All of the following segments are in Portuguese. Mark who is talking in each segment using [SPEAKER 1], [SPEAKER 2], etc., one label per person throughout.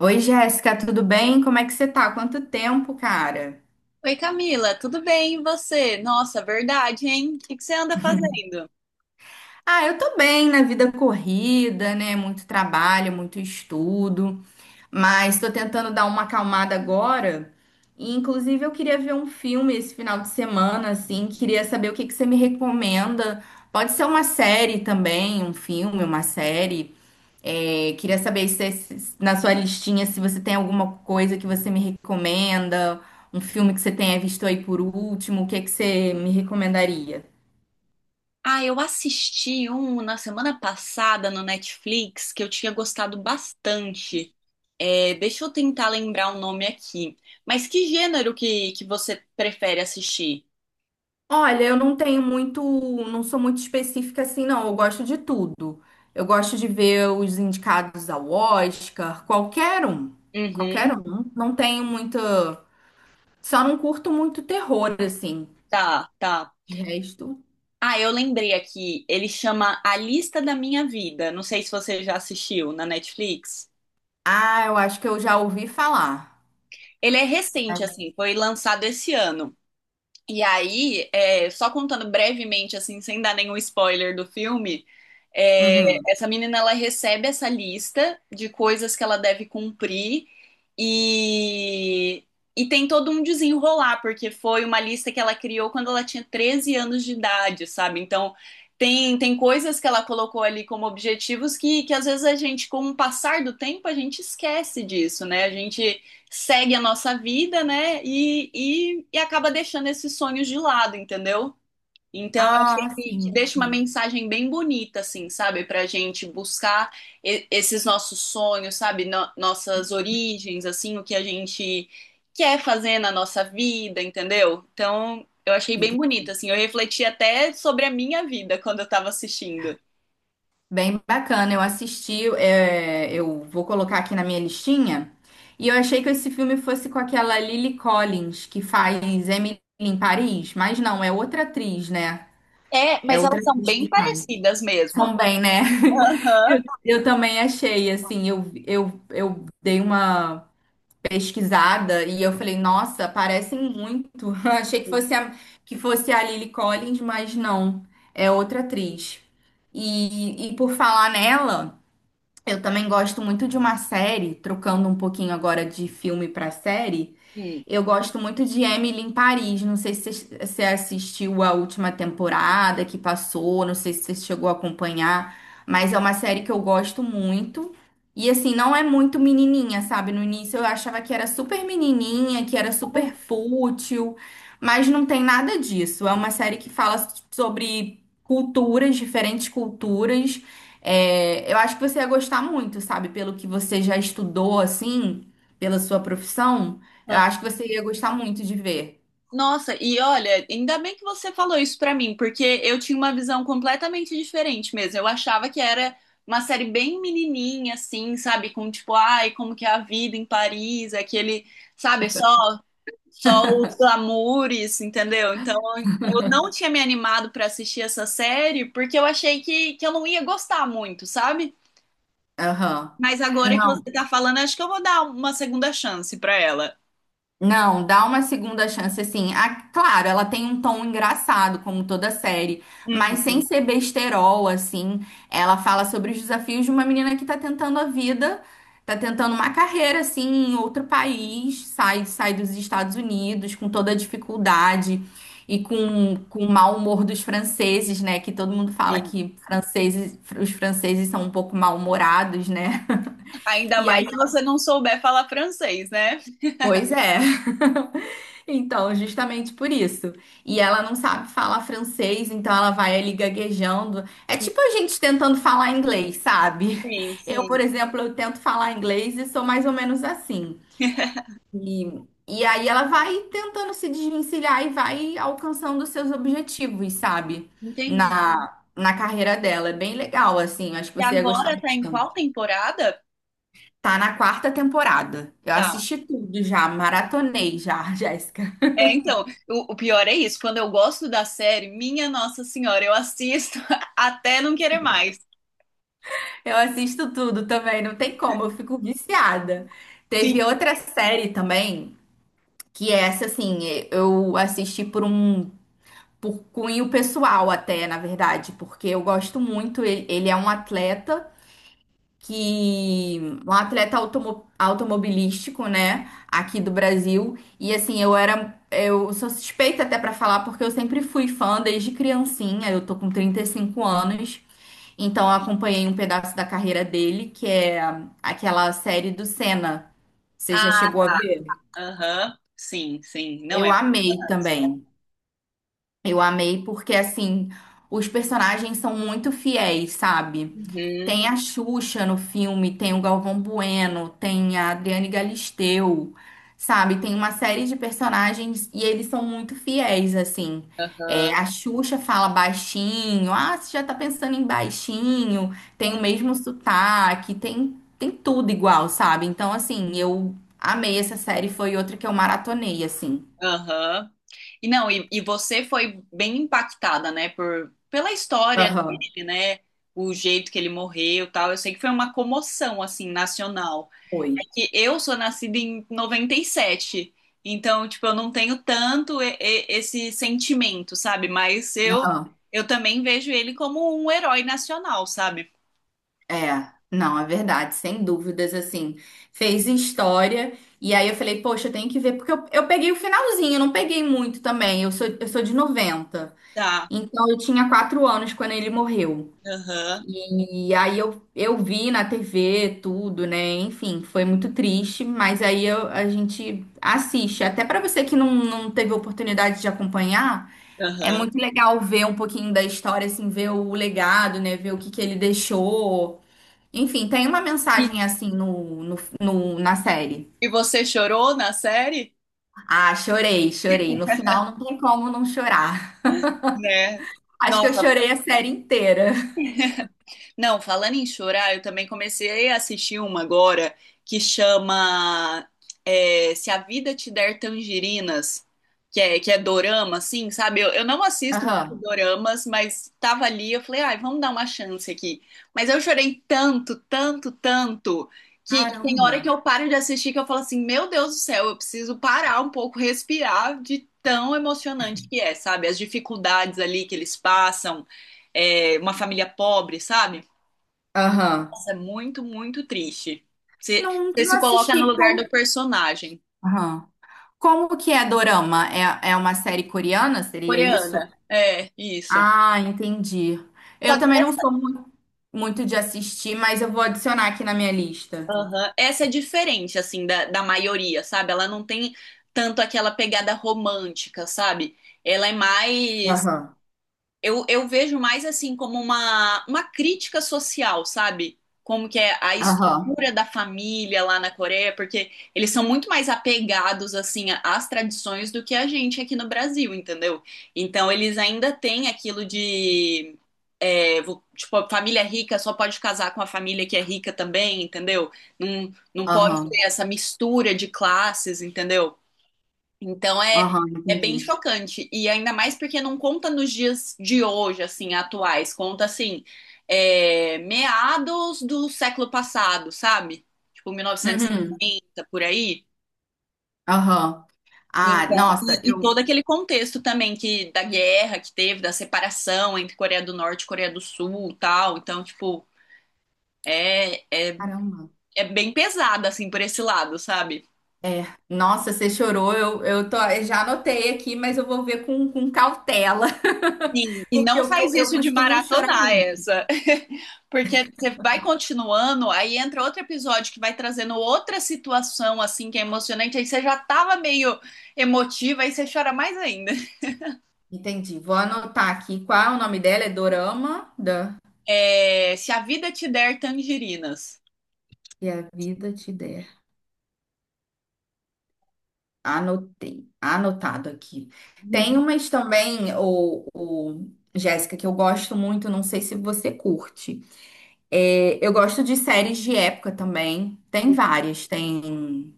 [SPEAKER 1] Oi, Jéssica, tudo bem? Como é que você tá? Quanto tempo, cara?
[SPEAKER 2] Oi, Camila, tudo bem? E você? Nossa, verdade, hein? O que você anda fazendo?
[SPEAKER 1] Ah, eu tô bem na vida corrida, né? Muito trabalho, muito estudo. Mas estou tentando dar uma acalmada agora. E, inclusive, eu queria ver um filme esse final de semana, assim. Queria saber o que que você me recomenda. Pode ser uma série também, um filme, uma série. É, queria saber se na sua listinha se você tem alguma coisa que você me recomenda, um filme que você tenha visto aí por último, o que que você me recomendaria?
[SPEAKER 2] Ah, eu assisti um na semana passada no Netflix que eu tinha gostado bastante. É, deixa eu tentar lembrar o nome aqui. Mas que gênero que você prefere assistir?
[SPEAKER 1] Olha, eu não tenho muito, não sou muito específica assim, não. Eu gosto de tudo. Eu gosto de ver os indicados ao Oscar, qualquer um, qualquer
[SPEAKER 2] Uhum,
[SPEAKER 1] um. Não tenho muita, só não curto muito terror assim.
[SPEAKER 2] tá, tá.
[SPEAKER 1] De resto,
[SPEAKER 2] Ah, eu lembrei aqui. Ele chama A Lista da Minha Vida. Não sei se você já assistiu na Netflix.
[SPEAKER 1] ah, eu acho que eu já ouvi falar.
[SPEAKER 2] Ele é recente, assim, foi lançado esse ano. E aí, é, só contando brevemente, assim, sem dar nenhum spoiler do filme, é,
[SPEAKER 1] Uhum.
[SPEAKER 2] essa menina ela recebe essa lista de coisas que ela deve cumprir e, e tem todo um desenrolar, porque foi uma lista que ela criou quando ela tinha 13 anos de idade, sabe? Então, tem coisas que ela colocou ali como objetivos que às vezes a gente, com o passar do tempo, a gente esquece disso, né? A gente segue a nossa vida, né? E acaba deixando esses sonhos de lado, entendeu? Então, eu achei
[SPEAKER 1] Ah,
[SPEAKER 2] que
[SPEAKER 1] sim.
[SPEAKER 2] deixa uma mensagem bem bonita, assim, sabe? Pra gente buscar esses nossos sonhos, sabe? Nossas origens, assim, o que a gente quer fazer na nossa vida, entendeu? Então, eu achei
[SPEAKER 1] Sim.
[SPEAKER 2] bem bonita, assim. Eu refleti até sobre a minha vida quando eu tava assistindo.
[SPEAKER 1] Bem bacana, eu assisti, é, eu vou colocar aqui na minha listinha. E eu achei que esse filme fosse com aquela Lily Collins, que faz Emily em Paris, mas não, é outra atriz, né?
[SPEAKER 2] É,
[SPEAKER 1] É
[SPEAKER 2] mas
[SPEAKER 1] outra
[SPEAKER 2] elas são
[SPEAKER 1] atriz
[SPEAKER 2] bem
[SPEAKER 1] que faz.
[SPEAKER 2] parecidas mesmo.
[SPEAKER 1] São bem, né?
[SPEAKER 2] Aham.
[SPEAKER 1] Eu também achei, assim, eu dei uma pesquisada e eu falei, nossa, parecem muito. Achei que fosse a Lily Collins, mas não, é outra atriz. E e por falar nela. Eu também gosto muito de uma série, trocando um pouquinho agora de filme para série.
[SPEAKER 2] Hum.
[SPEAKER 1] Eu gosto muito de Emily em Paris. Não sei se você assistiu a última temporada que passou, não sei se você chegou a acompanhar, mas é uma série que eu gosto muito. E assim, não é muito menininha, sabe? No início eu achava que era super menininha, que era super fútil, mas não tem nada disso. É uma série que fala sobre culturas, diferentes culturas. É, eu acho que você ia gostar muito, sabe? Pelo que você já estudou, assim, pela sua profissão. Eu
[SPEAKER 2] Aham.
[SPEAKER 1] acho que você ia gostar muito de ver.
[SPEAKER 2] Nossa, e olha, ainda bem que você falou isso pra mim, porque eu tinha uma visão completamente diferente mesmo. Eu achava que era uma série bem menininha, assim, sabe? Com tipo, ai, como que é a vida em Paris, aquele, sabe? Só, só os glamours, entendeu? Então, eu não tinha me animado pra assistir essa série, porque eu achei que eu não ia gostar muito, sabe?
[SPEAKER 1] Aham.
[SPEAKER 2] Mas agora que
[SPEAKER 1] Não,
[SPEAKER 2] você tá falando, acho que eu vou dar uma segunda chance pra ela.
[SPEAKER 1] não, dá uma segunda chance assim. Ah, claro, ela tem um tom engraçado, como toda série, mas sem
[SPEAKER 2] Uhum.
[SPEAKER 1] ser besterol, assim. Ela fala sobre os desafios de uma menina que tá tentando a vida, tá tentando uma carreira, assim, em outro país, sai dos Estados Unidos com toda a dificuldade e com o mau humor dos franceses, né? Que todo mundo fala que franceses, os franceses são um pouco mal-humorados, né?
[SPEAKER 2] Ainda
[SPEAKER 1] E aí
[SPEAKER 2] mais se você não souber falar francês, né?
[SPEAKER 1] pois é. Então, justamente por isso. E ela não sabe falar francês, então ela vai ali gaguejando. É tipo a gente tentando falar inglês, sabe?
[SPEAKER 2] Sim,
[SPEAKER 1] Eu, por
[SPEAKER 2] sim.
[SPEAKER 1] exemplo, eu tento falar inglês e sou mais ou menos assim. E aí ela vai tentando se desvencilhar e vai alcançando os seus objetivos, sabe?
[SPEAKER 2] Entendi.
[SPEAKER 1] Na carreira dela. É bem legal, assim. Acho que
[SPEAKER 2] E
[SPEAKER 1] você ia gostar
[SPEAKER 2] agora tá em
[SPEAKER 1] bastante.
[SPEAKER 2] qual temporada?
[SPEAKER 1] Tá na quarta temporada. Eu
[SPEAKER 2] Tá.
[SPEAKER 1] assisti tudo já, maratonei já, Jéssica.
[SPEAKER 2] É, então, o pior é isso. Quando eu gosto da série, minha Nossa Senhora, eu assisto até não querer mais.
[SPEAKER 1] Eu assisto tudo também, não tem como, eu fico viciada.
[SPEAKER 2] Sim.
[SPEAKER 1] Teve outra série também, que é essa, assim, eu assisti por cunho pessoal até, na verdade, porque eu gosto muito, ele é um atleta que um atleta automobilístico, né, aqui do Brasil. E assim, eu sou suspeita até pra falar porque eu sempre fui fã desde criancinha. Eu tô com 35 anos. Então eu acompanhei um pedaço da carreira dele, que é aquela série do Senna. Você já
[SPEAKER 2] Ah,
[SPEAKER 1] chegou a
[SPEAKER 2] tá.
[SPEAKER 1] ver?
[SPEAKER 2] Aham. Sim, sim. Não
[SPEAKER 1] Eu
[SPEAKER 2] é.
[SPEAKER 1] amei também. Eu amei porque, assim, os personagens são muito fiéis, sabe?
[SPEAKER 2] Uhum.
[SPEAKER 1] Tem a Xuxa no filme, tem o Galvão Bueno, tem a Adriane Galisteu, sabe? Tem uma série de personagens e eles são muito fiéis, assim.
[SPEAKER 2] Aham.
[SPEAKER 1] É, a Xuxa fala baixinho, ah, você já tá pensando em baixinho, tem o mesmo sotaque, tem tudo igual, sabe? Então, assim, eu amei essa série, foi outra que eu maratonei, assim.
[SPEAKER 2] Aham. E não, e você foi bem impactada, né, por, pela história
[SPEAKER 1] Aham,
[SPEAKER 2] dele, né? O jeito que ele morreu, e tal. Eu sei que foi uma comoção assim nacional. É
[SPEAKER 1] foi.
[SPEAKER 2] que eu sou nascida em 97, então, tipo, eu não tenho tanto esse sentimento, sabe? Mas
[SPEAKER 1] Aham.
[SPEAKER 2] eu também vejo ele como um herói nacional, sabe?
[SPEAKER 1] É, não, é verdade, sem dúvidas, assim, fez história, e aí eu falei, poxa, eu tenho que ver, porque eu peguei o finalzinho, eu não peguei muito também, eu sou de 90.
[SPEAKER 2] Tá,
[SPEAKER 1] Então eu tinha quatro anos quando ele morreu,
[SPEAKER 2] aham,
[SPEAKER 1] e aí eu vi na TV tudo, né, enfim, foi muito triste, mas a gente assiste, até pra você que não teve oportunidade de acompanhar, é
[SPEAKER 2] aham.
[SPEAKER 1] muito legal ver um pouquinho da história, assim, ver o legado, né, ver o que que ele deixou, enfim, tem uma
[SPEAKER 2] E,
[SPEAKER 1] mensagem assim na série.
[SPEAKER 2] e você chorou na série?
[SPEAKER 1] Ah, chorei, chorei. No final não tem como não chorar.
[SPEAKER 2] Né?
[SPEAKER 1] Acho que eu
[SPEAKER 2] Nossa,
[SPEAKER 1] chorei a série inteira.
[SPEAKER 2] não, falando em chorar, eu também comecei a assistir uma agora que chama é, Se a Vida Te Der Tangerinas, que é dorama, assim, sabe? Eu não assisto muito
[SPEAKER 1] Aham.
[SPEAKER 2] doramas, mas tava ali, eu falei, ai, vamos dar uma chance aqui. Mas eu chorei tanto, tanto, tanto, que tem hora que
[SPEAKER 1] Caramba.
[SPEAKER 2] eu paro de assistir que eu falo assim, meu Deus do céu, eu preciso parar um pouco, respirar de tão emocionante que é, sabe? As dificuldades ali que eles passam, é, uma família pobre, sabe?
[SPEAKER 1] Aham.
[SPEAKER 2] Nossa, é muito, muito triste. Você,
[SPEAKER 1] Não,
[SPEAKER 2] você
[SPEAKER 1] não
[SPEAKER 2] se coloca no
[SPEAKER 1] assisti
[SPEAKER 2] lugar
[SPEAKER 1] como.
[SPEAKER 2] do personagem.
[SPEAKER 1] Aham. Como que é Dorama? É, é uma série coreana? Seria isso?
[SPEAKER 2] Coreana. É, isso.
[SPEAKER 1] Ah, entendi.
[SPEAKER 2] Só
[SPEAKER 1] Eu
[SPEAKER 2] que
[SPEAKER 1] também não
[SPEAKER 2] essa,
[SPEAKER 1] sou muito de assistir, mas eu vou adicionar aqui na minha lista.
[SPEAKER 2] aham, essa é diferente, assim, da maioria, sabe? Ela não tem tanto aquela pegada romântica, sabe? Ela é mais.
[SPEAKER 1] Aham.
[SPEAKER 2] Eu vejo mais assim como uma crítica social, sabe? Como que é a
[SPEAKER 1] Aham.
[SPEAKER 2] estrutura da família lá na Coreia, porque eles são muito mais apegados assim às tradições do que a gente aqui no Brasil, entendeu? Então eles ainda têm aquilo de é, tipo, a família rica só pode casar com a família que é rica também, entendeu? Não, não pode
[SPEAKER 1] Aham.
[SPEAKER 2] ter essa mistura de classes, entendeu? Então é,
[SPEAKER 1] Aham,
[SPEAKER 2] é bem
[SPEAKER 1] entendi.
[SPEAKER 2] chocante. E ainda mais porque não conta nos dias de hoje, assim, atuais. Conta, assim, é, meados do século passado, sabe? Tipo,
[SPEAKER 1] Uhum.
[SPEAKER 2] 1960, por aí.
[SPEAKER 1] Aham.
[SPEAKER 2] E
[SPEAKER 1] Ah,
[SPEAKER 2] então,
[SPEAKER 1] nossa,
[SPEAKER 2] e
[SPEAKER 1] eu.
[SPEAKER 2] todo aquele contexto também que da guerra que teve, da separação entre Coreia do Norte e Coreia do Sul, e tal. Então, tipo, é, é,
[SPEAKER 1] Caramba.
[SPEAKER 2] é bem pesada assim por esse lado, sabe?
[SPEAKER 1] É, nossa, você chorou. Eu tô, eu já anotei aqui, mas eu vou ver com cautela,
[SPEAKER 2] Sim. E
[SPEAKER 1] porque
[SPEAKER 2] não faz
[SPEAKER 1] eu
[SPEAKER 2] isso de
[SPEAKER 1] costumo chorar
[SPEAKER 2] maratonar
[SPEAKER 1] muito.
[SPEAKER 2] essa. Porque você vai continuando, aí entra outro episódio que vai trazendo outra situação, assim, que é emocionante, aí você já tava meio emotiva, aí você chora mais ainda.
[SPEAKER 1] Entendi. Vou anotar aqui qual é o nome dela. É Dorama da
[SPEAKER 2] É, se a vida te der tangerinas.
[SPEAKER 1] e a Vida Te Der. Anotei, anotado aqui. Tem umas também, o Jéssica, que eu gosto muito. Não sei se você curte. É, eu gosto de séries de época também. Tem várias. Tem.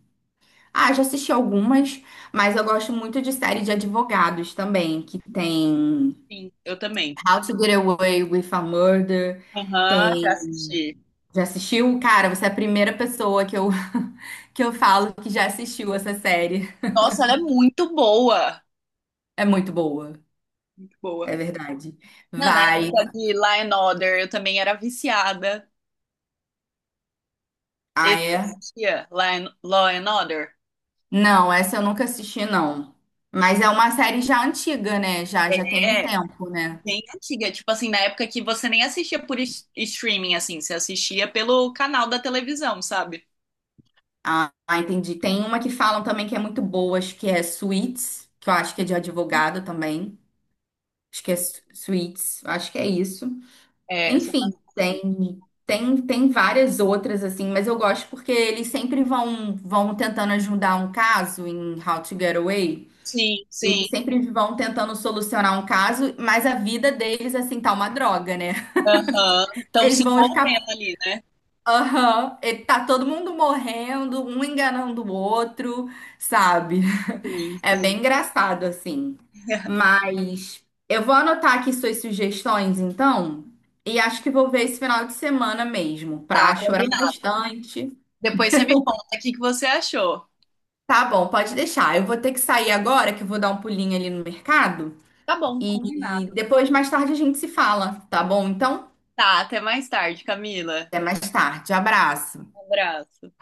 [SPEAKER 1] Ah, já assisti algumas, mas eu gosto muito de série de advogados também, que tem
[SPEAKER 2] Sim, eu também.
[SPEAKER 1] How to Get Away with a Murder,
[SPEAKER 2] Aham, já
[SPEAKER 1] tem...
[SPEAKER 2] assisti.
[SPEAKER 1] Já assistiu? Cara, você é a primeira pessoa que eu falo que já assistiu essa série.
[SPEAKER 2] Nossa, ela é muito boa.
[SPEAKER 1] É muito boa,
[SPEAKER 2] Muito boa.
[SPEAKER 1] é verdade.
[SPEAKER 2] Não, na
[SPEAKER 1] Vai.
[SPEAKER 2] época de Law and Order, eu também era viciada.
[SPEAKER 1] Ah,
[SPEAKER 2] Esse eu
[SPEAKER 1] é?
[SPEAKER 2] assistia, Law and Order.
[SPEAKER 1] Não, essa eu nunca assisti, não. Mas é uma série já antiga, né? Já tem um
[SPEAKER 2] É,
[SPEAKER 1] tempo, né?
[SPEAKER 2] bem antiga, tipo assim, na época que você nem assistia por streaming, assim, você assistia pelo canal da televisão, sabe?
[SPEAKER 1] Ah, entendi. Tem uma que falam também que é muito boa, acho que é Suits, que eu acho que é de advogado também. Acho que é Suits, acho que é isso.
[SPEAKER 2] É, você tá
[SPEAKER 1] Enfim,
[SPEAKER 2] assim.
[SPEAKER 1] tem várias outras assim, mas eu gosto porque eles sempre vão tentando ajudar um caso em How to Get Away.
[SPEAKER 2] Sim, sim.
[SPEAKER 1] Eles sempre vão tentando solucionar um caso, mas a vida deles assim tá uma droga, né?
[SPEAKER 2] Aham. Estão
[SPEAKER 1] Eles
[SPEAKER 2] se
[SPEAKER 1] vão ficar
[SPEAKER 2] envolvendo ali, né?
[SPEAKER 1] aham, e tá todo mundo morrendo, um enganando o outro, sabe?
[SPEAKER 2] Sim,
[SPEAKER 1] É
[SPEAKER 2] sim.
[SPEAKER 1] bem engraçado, assim. Mas eu vou anotar aqui suas sugestões, então. E acho que vou ver esse final de semana mesmo,
[SPEAKER 2] Tá,
[SPEAKER 1] pra chorar
[SPEAKER 2] combinado.
[SPEAKER 1] bastante.
[SPEAKER 2] Depois você me conta o que que você achou.
[SPEAKER 1] Tá bom, pode deixar. Eu vou ter que sair agora, que eu vou dar um pulinho ali no mercado.
[SPEAKER 2] Tá bom,
[SPEAKER 1] E
[SPEAKER 2] combinado.
[SPEAKER 1] depois, mais tarde, a gente se fala, tá bom? Então,
[SPEAKER 2] Tá, até mais tarde, Camila.
[SPEAKER 1] até mais tarde. Abraço.
[SPEAKER 2] Um abraço.